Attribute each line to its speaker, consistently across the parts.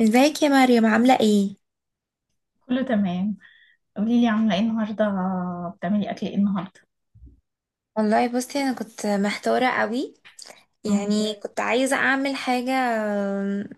Speaker 1: ازيك يا مريم، عاملة ايه؟
Speaker 2: كله تمام. قولي لي، عامله ايه النهارده؟ بتعملي اكل ايه النهارده؟
Speaker 1: والله بصي، انا كنت محتارة قوي.
Speaker 2: امم.
Speaker 1: يعني كنت عايزة اعمل حاجة آم،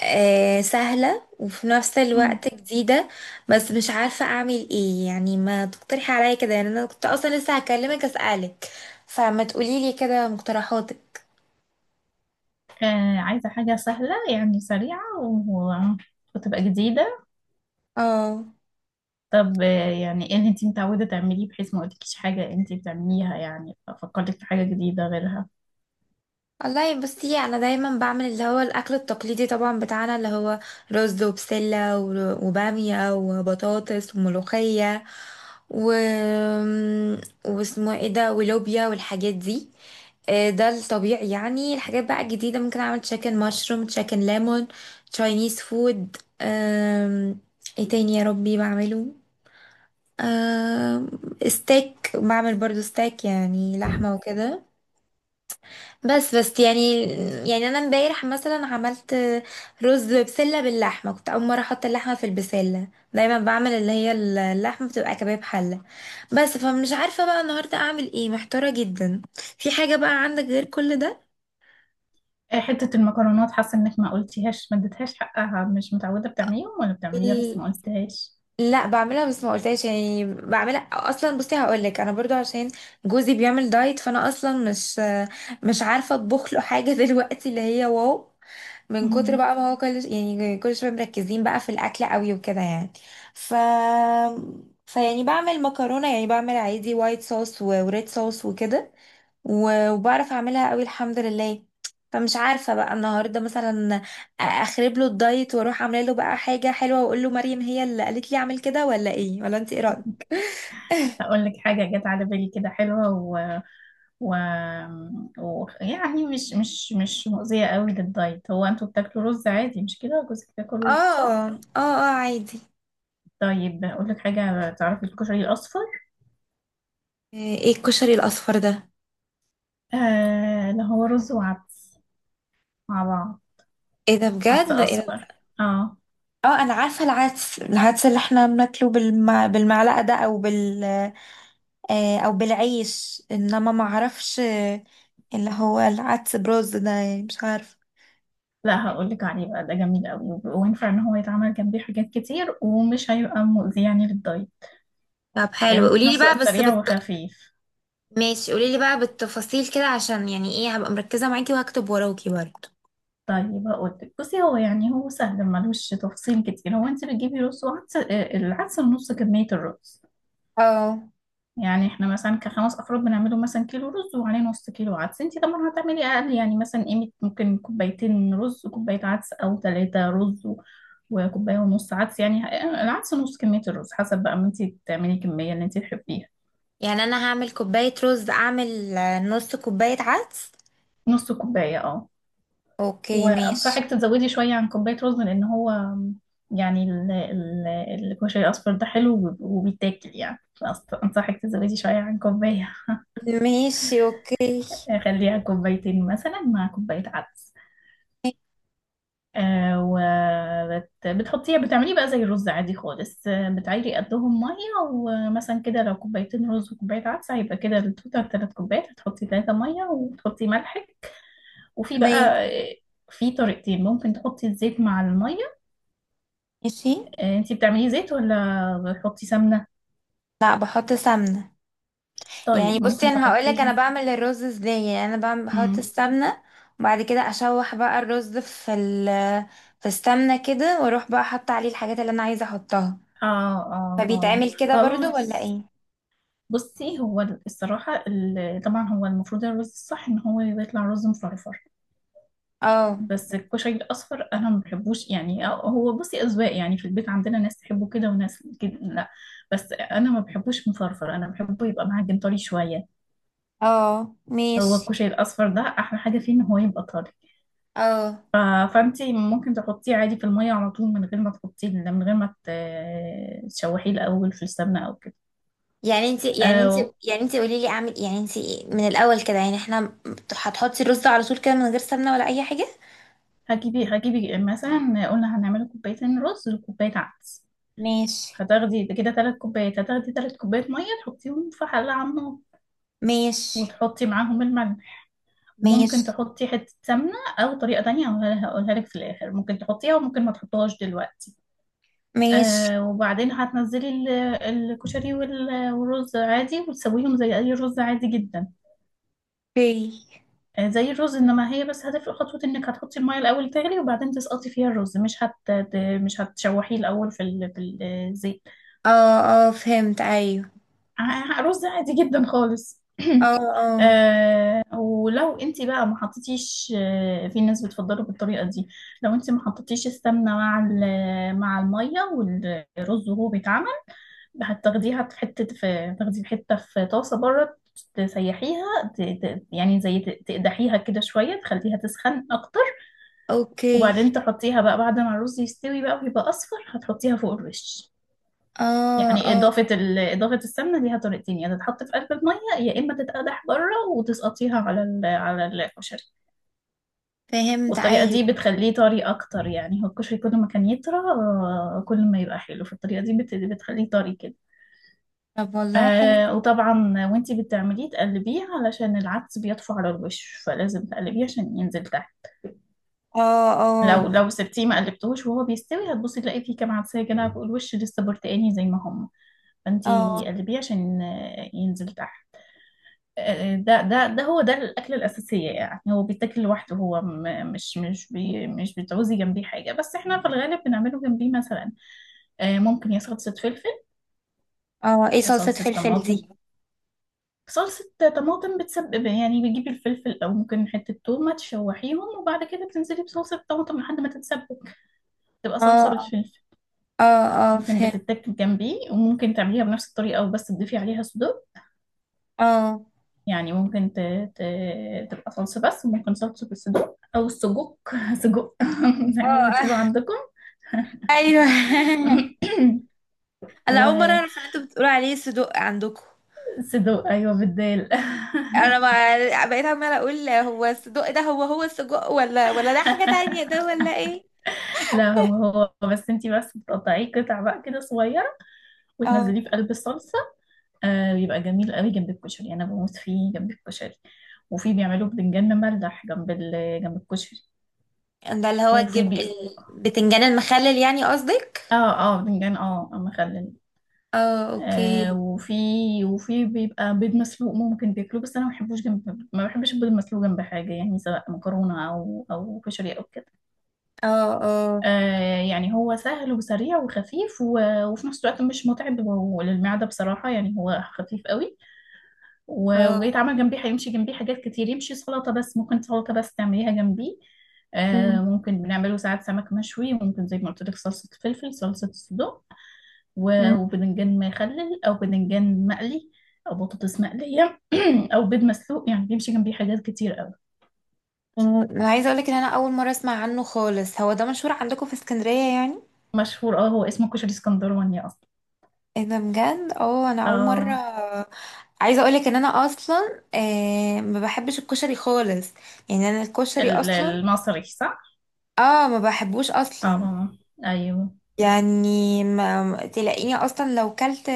Speaker 1: آه، سهلة وفي نفس
Speaker 2: مم.
Speaker 1: الوقت جديدة. بس مش عارفة اعمل ايه، يعني ما تقترحي عليا كده. يعني انا كنت اصلا لسه هكلمك اسألك، فما تقوليلي كده مقترحاتك.
Speaker 2: آه، عايزه حاجه سهله، يعني سريعه و... وتبقى جديده.
Speaker 1: اه،
Speaker 2: طب يعني ايه اللي انت متعوده تعمليه بحيث ما اقولكيش حاجه انت بتعمليها، يعني ففكرتك في حاجه جديده غيرها؟
Speaker 1: والله بصي، انا دايما بعمل اللي هو الاكل التقليدي طبعا، بتاعنا اللي هو رز وبسله وباميه وبطاطس وملوخيه و... واسمه ايه ده، ولوبيا والحاجات دي. ده الطبيعي. يعني الحاجات بقى الجديده، ممكن اعمل تشيكن مشروم، تشيكن ليمون، تشاينيز فود. آم، ايه تاني يا ربي بعمله؟ آم، ستيك، بعمل برضو ستيك، يعني لحمه وكده. بس يعني. يعني انا امبارح مثلا عملت رز بسله باللحمه. كنت اول مره احط اللحمه في البسله، دايما بعمل اللي هي اللحمه بتبقى كباب حله بس. فمش عارفه بقى النهارده اعمل ايه، محتاره جدا. في حاجه بقى عندك غير كل ده؟
Speaker 2: آه، حته المكرونات حاسه انك ما قلتيهاش، ما اديتهاش حقها، مش متعوده بتعمليهم ولا بتعمليها بس
Speaker 1: ال-
Speaker 2: ما قلتهاش.
Speaker 1: لا بعملها، بس ما قلتهاش. يعني بعملها اصلا. بصي هقول لك، انا برضو عشان جوزي بيعمل دايت، فانا اصلا مش عارفه اطبخ له حاجه دلوقتي اللي هي واو، من كتر
Speaker 2: مم.
Speaker 1: بقى ما هو كل، يعني كل شويه مركزين بقى في الاكل قوي وكده يعني. ف فيعني بعمل مكرونه، يعني بعمل عادي، وايت صوص وريد صوص وكده. وبعرف اعملها قوي الحمد لله. فمش عارفه بقى النهارده مثلا اخرب له الدايت، واروح عامله له بقى حاجه حلوه، واقول له مريم هي اللي قالت لي اعمل كده، ولا ايه؟ ولا انت ايه رايك؟
Speaker 2: هقول لك حاجه جت على بالي كده حلوه. و... يعني مش مؤذية قوي للدايت. هو انتوا بتاكلوا رز عادي مش كده؟ جوزك بياكل
Speaker 1: اه
Speaker 2: رز صح؟
Speaker 1: اه اه، عادي.
Speaker 2: طيب، اقول لك حاجة. تعرفي الكشري الأصفر؟
Speaker 1: ايه الكشري الاصفر ده؟
Speaker 2: آه، اللي هو رز وعدس مع بعض.
Speaker 1: ايه ده
Speaker 2: عدس
Speaker 1: بجد؟ ايه ده؟
Speaker 2: أصفر. اه.
Speaker 1: اه انا عارفه العدس، العدس اللي احنا بناكله بالمعلقه ده، او بالعيش، انما ما اعرفش. اللي هو العدس برز ده؟ يعني مش عارفه.
Speaker 2: لا، هقول لك عليه بقى. ده جميل قوي وينفع ان هو يتعمل جنبيه حاجات كتير، ومش هيبقى مؤذي يعني للدايت.
Speaker 1: طب
Speaker 2: آه،
Speaker 1: حلو،
Speaker 2: وفي
Speaker 1: قولي لي
Speaker 2: نفس
Speaker 1: بقى،
Speaker 2: الوقت
Speaker 1: بس
Speaker 2: سريع وخفيف.
Speaker 1: ماشي قولي لي بقى بالتفاصيل كده، عشان يعني ايه، هبقى مركزة معاكي وهكتب وراكي برضه.
Speaker 2: طيب هقول لك. بصي، هو يعني هو سهل، ملوش تفصيل كتير. هو انت بتجيبي رز وعدس. آه، العدس نص كمية الرز.
Speaker 1: اه.
Speaker 2: يعني احنا مثلا كخمس افراد بنعمله مثلا كيلو رز وعليه نص كيلو عدس. انتي طبعا هتعملي اقل، يعني مثلا قيمة ممكن كوبايتين رز وكوباية عدس، او ثلاثة رز وكوباية ونص عدس، يعني العدس نص كمية الرز، حسب بقى ما انتي تعملي الكمية اللي انتي تحبيها.
Speaker 1: يعني انا هعمل كوباية رز، اعمل نص كوباية عدس.
Speaker 2: نص كوباية اه.
Speaker 1: اوكي ماشي.
Speaker 2: وانصحك تزودي شوية عن كوباية رز، لان هو يعني الكشري الاصفر ده حلو وبيتاكل يعني. انصحك تزودي شوية عن كوباية.
Speaker 1: ماشي اوكي.
Speaker 2: خليها كوبايتين مثلا مع كوباية عدس. وبتحطيه بتعمليه بقى زي الرز عادي خالص. آه، بتعيري قدهم مية، ومثلا كده لو كوبايتين رز وكوباية عدس هيبقى كده التوتال تلات كوبايات، هتحطي 300 وتحطي ملحك. وفي
Speaker 1: تمام.
Speaker 2: بقى، آه، في طريقتين، ممكن تحطي الزيت مع المية.
Speaker 1: ماشي.
Speaker 2: آه، انتي بتعملي زيت ولا بتحطي سمنة؟
Speaker 1: لا بحط سمنه. يعني
Speaker 2: طيب،
Speaker 1: بصي
Speaker 2: ممكن
Speaker 1: انا هقولك انا
Speaker 2: تحطيها.
Speaker 1: بعمل الرز ازاي، يعني انا بعمل بحط
Speaker 2: مم.
Speaker 1: السمنه، وبعد كده اشوح بقى الرز في في السمنه كده، واروح بقى احط عليه الحاجات اللي انا عايزه احطها.
Speaker 2: اه، اه، اه،
Speaker 1: فبيتعمل كده برضو ولا
Speaker 2: خلاص.
Speaker 1: ايه؟
Speaker 2: بصي، هو الصراحة، طبعا هو المفروض الرز الصح ان هو يطلع رز مفرفر.
Speaker 1: اه
Speaker 2: بس الكشري الاصفر انا ما بحبوش يعني. هو بصي اذواق، يعني في البيت عندنا ناس تحبه كده وناس كده لا. بس انا ما بحبوش مفرفر، انا بحبه يبقى معجن طري شويه.
Speaker 1: اه
Speaker 2: هو
Speaker 1: ماشي.
Speaker 2: الكشري الاصفر ده احلى حاجه فيه ان هو يبقى طري.
Speaker 1: اه،
Speaker 2: ف... فانتي ممكن تحطيه عادي في الميه على طول، من غير ما تحطيه، من غير ما تشوحيه الاول في السمنه او كده.
Speaker 1: يعني انت يعني انت
Speaker 2: أو
Speaker 1: يعني انت قولي لي اعمل. يعني انت من الاول كده، يعني احنا هتحطي الرز على طول كده من غير سمنه ولا اي حاجه؟
Speaker 2: هجيبي مثلا، قلنا هنعمل كوبايتين رز وكوبايه عدس.
Speaker 1: ماشي.
Speaker 2: هتاخدي تلات كوبايات ميه، تحطيهم في حله على النار.
Speaker 1: ماشي.
Speaker 2: وتحطي معاهم الملح. وممكن
Speaker 1: ماشي.
Speaker 2: تحطي حتة سمنة. أو طريقة تانية هقولها لك في الآخر. ممكن تحطيها وممكن ما تحطيهاش دلوقتي.
Speaker 1: ماشي.
Speaker 2: آه، وبعدين هتنزلي الكشري والرز عادي، وتسويهم زي أي رز عادي جدا.
Speaker 1: اوكي.
Speaker 2: آه، زي الرز إنما هي بس هتفرق خطوة. إنك هتحطي المية الأول تغلي، وبعدين تسقطي فيها الرز. مش هتشوحيه الأول في الزيت.
Speaker 1: اه اه فهمت، ايوه.
Speaker 2: رز عادي جدا خالص.
Speaker 1: اه اه
Speaker 2: آه، ولو انت بقى ما حطيتيش، في ناس بتفضله بالطريقه دي. لو انت ما حطيتيش السمنه مع الميه والرز وهو بيتعمل. هتاخديها في حته في تاخدي في حته في طاسه بره. تسيحيها. يعني زي تقدحيها كده شويه، تخليها تسخن اكتر.
Speaker 1: اوكي.
Speaker 2: وبعدين تحطيها بقى بعد ما الرز يستوي بقى ويبقى اصفر، هتحطيها فوق الوش.
Speaker 1: اه
Speaker 2: يعني
Speaker 1: اه
Speaker 2: إضافة السمنة ليها طريقتين، يا تتحط في قلب المية يا إما تتقدح بره وتسقطيها على الكشري.
Speaker 1: فهمت،
Speaker 2: والطريقة
Speaker 1: ايوه.
Speaker 2: دي بتخليه طري أكتر، يعني هو الكشري كل ما كان يطرى، كل ما يبقى حلو. فالطريقة دي بتخليه طري كده.
Speaker 1: طب والله حلو.
Speaker 2: آه، وطبعا، وانتي بتعمليه تقلبيه علشان العدس بيطفو على الوش، فلازم تقلبيه عشان ينزل تحت.
Speaker 1: اه. اه.
Speaker 2: لو سبتيه ما قلبتهوش وهو بيستوي، هتبصي تلاقي فيه كام عدسة كده فوق الوش، لسه برتقاني زي ما هم. فانتي
Speaker 1: اه.
Speaker 2: قلبيه عشان ينزل تحت. ده هو ده الأكلة الأساسية، يعني هو بيتاكل لوحده، هو مش بتعوزي جنبيه حاجة، بس احنا في الغالب بنعمله جنبيه مثلا. آه، ممكن يا صلصة فلفل،
Speaker 1: اه. ايه
Speaker 2: يا
Speaker 1: صلصة
Speaker 2: صلصة
Speaker 1: فلفل
Speaker 2: طماطم.
Speaker 1: دي؟
Speaker 2: صلصة طماطم بتسبب، يعني بتجيبي الفلفل أو ممكن حتة تومة، تشوحيهم وبعد كده بتنزلي بصلصة طماطم لحد ما تتسبك. تبقى صلصة
Speaker 1: اه
Speaker 2: بالفلفل.
Speaker 1: اه اه
Speaker 2: ممكن
Speaker 1: فهمت.
Speaker 2: بتتاكل جنبيه، وممكن تعمليها بنفس الطريقة وبس تضيفي عليها صدور.
Speaker 1: اه
Speaker 2: يعني ممكن ت... تبقى صلصة، بس ممكن صلصة الصدوق أو السجق. سجق، زي
Speaker 1: اه
Speaker 2: ما بتقولوا
Speaker 1: آه.
Speaker 2: عندكم.
Speaker 1: ايوه. انا اول مرة اعرف ان انتوا بتقولوا عليه صدق عندكم.
Speaker 2: وصدوق أيوة، بالدال.
Speaker 1: انا ما بقيت عمالة اقول، هو الصدق ده هو هو السجق، ولا ده حاجة تانية، ده ولا ايه؟
Speaker 2: لا، هو هو بس انتي بس بتقطعيه قطع بقى كده صغيرة.
Speaker 1: اه،
Speaker 2: وتنزليه في قلب الصلصة. آه، بيبقى جميل قوي جنب الكشري، أنا بموت فيه جنب الكشري. وفي بيعملوا بدنجان مملح جنب الكشري.
Speaker 1: ده اللي هو
Speaker 2: وفي
Speaker 1: الجب،
Speaker 2: بي...
Speaker 1: البتنجان المخلل يعني قصدك.
Speaker 2: اه، اه، بدنجان مخلل.
Speaker 1: اه
Speaker 2: آه،
Speaker 1: اوكي.
Speaker 2: وفي بيبقى بيض مسلوق ممكن تاكله، بس انا ما بحبش البيض المسلوق جنب حاجه، يعني سواء مكرونه او كشري او كده.
Speaker 1: اه اه
Speaker 2: آه، يعني هو سهل وسريع وخفيف وفي نفس الوقت مش متعب للمعده بصراحه، يعني هو خفيف قوي. وجاي
Speaker 1: اه.
Speaker 2: يتعمل جنبيه، هيمشي جنبيه حاجات كتير، يمشي سلطه بس، ممكن سلطه بس تعمليها جنبيه. آه،
Speaker 1: مم.
Speaker 2: ممكن بنعمله ساعات سمك مشوي، وممكن زي ما قلت لك صلصه فلفل، صلصه صدق،
Speaker 1: مم.
Speaker 2: وبدنجان مخلل او بدنجان مقلي او بطاطس مقليه، او بيض مسلوق، يعني بيمشي جنبيه حاجات كتير قوي.
Speaker 1: مم. انا عايزه اقولك ان انا اول مره اسمع عنه خالص. هو ده مشهور عندكم في اسكندريه يعني؟
Speaker 2: مشهور، اه، هو اسمه كشري اسكندراني اصلا.
Speaker 1: ايه ده بجد؟ اه انا اول مره.
Speaker 2: اه،
Speaker 1: عايزه اقولك ان انا اصلا ما بحبش الكشري خالص، يعني انا الكشري اصلا،
Speaker 2: المصري صح؟
Speaker 1: اه ما بحبوش اصلا.
Speaker 2: اه، ايوه.
Speaker 1: يعني تلاقيني اصلا، لو كلت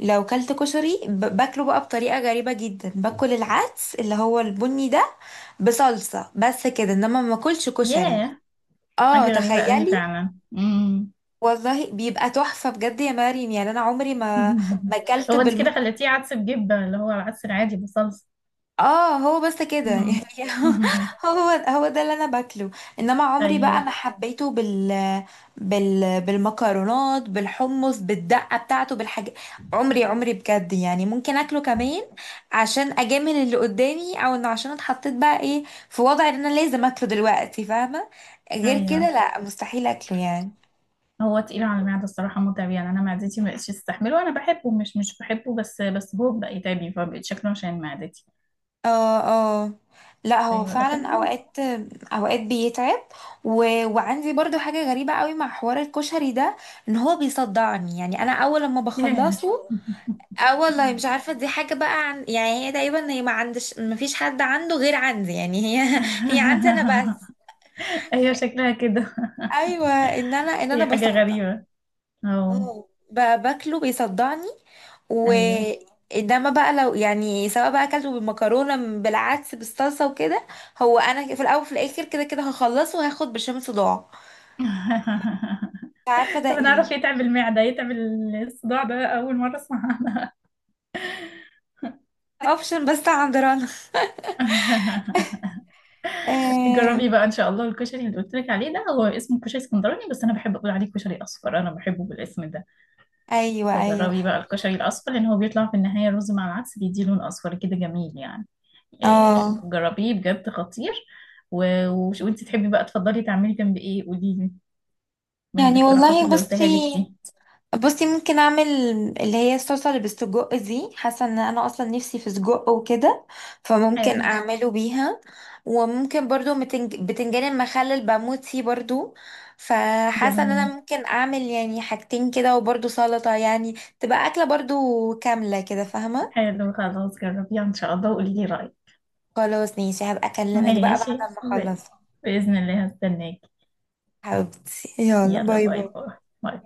Speaker 1: لو كلت كشري، باكله بقى بطريقه غريبه جدا، باكل العدس اللي هو البني ده بصلصه بس كده، انما ما باكلش كشري.
Speaker 2: ياه،
Speaker 1: اه
Speaker 2: حاجه غريبه قوي
Speaker 1: تخيلي.
Speaker 2: فعلا. امم.
Speaker 1: والله بيبقى تحفة بجد يا مريم يعني. أنا عمري ما، ما أكلت
Speaker 2: هو انت كده خليتيه عدس بجبه، اللي هو العدس العادي بصلصه.
Speaker 1: اه هو بس كده يعني.
Speaker 2: أمم.
Speaker 1: هو هو ده اللي أنا باكله. إنما عمري بقى
Speaker 2: ايوه،
Speaker 1: ما حبيته بالمكرونات بالحمص بالدقة بتاعته بالحاجات. عمري عمري بجد، يعني ممكن أكله كمان عشان أجامل اللي قدامي، أو إنه عشان اتحطيت بقى إيه، في وضع إن أنا لازم أكله دلوقتي، فاهمة؟ غير كده
Speaker 2: ايوه.
Speaker 1: لا، مستحيل أكله يعني.
Speaker 2: هو تقيل على المعدة الصراحة، متعب. يعني أنا معدتي ما بقتش تستحمله. أنا بحبه، مش بحبه، بس هو بقى يتعبني فبقيت شكله عشان معدتي.
Speaker 1: اه اه. لا هو
Speaker 2: أيوة، لكن
Speaker 1: فعلا
Speaker 2: هو.
Speaker 1: اوقات، بيتعب. وعندي برضو حاجة غريبة قوي مع حوار الكشري ده، ان هو بيصدعني. يعني انا اول لما
Speaker 2: ياه.
Speaker 1: بخلصه، اه والله مش عارفة. دي حاجة بقى يعني هي تقريبا، هي ما فيش حد عنده غير عندي. يعني هي عندي انا بس.
Speaker 2: أيوة، شكلها كده.
Speaker 1: ايوه ان انا ان انا
Speaker 2: هي حاجة
Speaker 1: بصدع.
Speaker 2: غريبة. أو.
Speaker 1: اه باكله بيصدعني.
Speaker 2: أيوة.
Speaker 1: وانما بقى لو يعني سواء بقى اكلته بالمكرونه، بالعدس بالصلصه وكده، هو انا في الاول وفي الاخر كده كده هخلصه وهاخد برشام صداع. مش عارفه ده
Speaker 2: طب أنا أعرف
Speaker 1: ايه.
Speaker 2: يتعب المعدة يتعب. الصداع ده أول مرة أسمع عنها.
Speaker 1: اوبشن بس عند رنا. آه.
Speaker 2: جربي بقى ان شاء الله الكشري اللي قلت لك عليه ده، هو اسمه كشري اسكندراني بس انا بحب اقول عليه كشري اصفر، انا بحبه بالاسم ده.
Speaker 1: ايوه ايوه.
Speaker 2: فجربي بقى الكشري الأصفر، لأن هو بيطلع في النهاية رز مع العدس بيديه لون أصفر كده جميل يعني. إيه،
Speaker 1: اه
Speaker 2: جربيه بجد، خطير. وانت تحبي بقى تفضلي تعملي جنب ايه قوليلي؟ من
Speaker 1: يعني
Speaker 2: الاقتراحات
Speaker 1: والله
Speaker 2: اللي
Speaker 1: بصي،
Speaker 2: قلتها لك دي.
Speaker 1: بصي ممكن اعمل اللي هي الصلصه اللي بالسجق دي، حاسه ان انا اصلا نفسي في سجق وكده، فممكن
Speaker 2: حلو.
Speaker 1: اعمله بيها. وممكن برضو بتنجان المخلل بموت فيه برضو. فحاسه ان انا
Speaker 2: جميل.
Speaker 1: ممكن اعمل يعني حاجتين كده، وبرضو سلطه يعني، تبقى اكله برضو كامله كده، فاهمه.
Speaker 2: حلو، خلاص جربيها ان شاء الله وقولي لي رأيك.
Speaker 1: خلاص ماشي، هبقى اكلمك بقى
Speaker 2: ماشي،
Speaker 1: بعد ما
Speaker 2: ب...
Speaker 1: اخلص.
Speaker 2: بإذن الله هستناك.
Speaker 1: حبيبتي يلا،
Speaker 2: يلا
Speaker 1: باي
Speaker 2: باي،
Speaker 1: باي.
Speaker 2: باي. باي.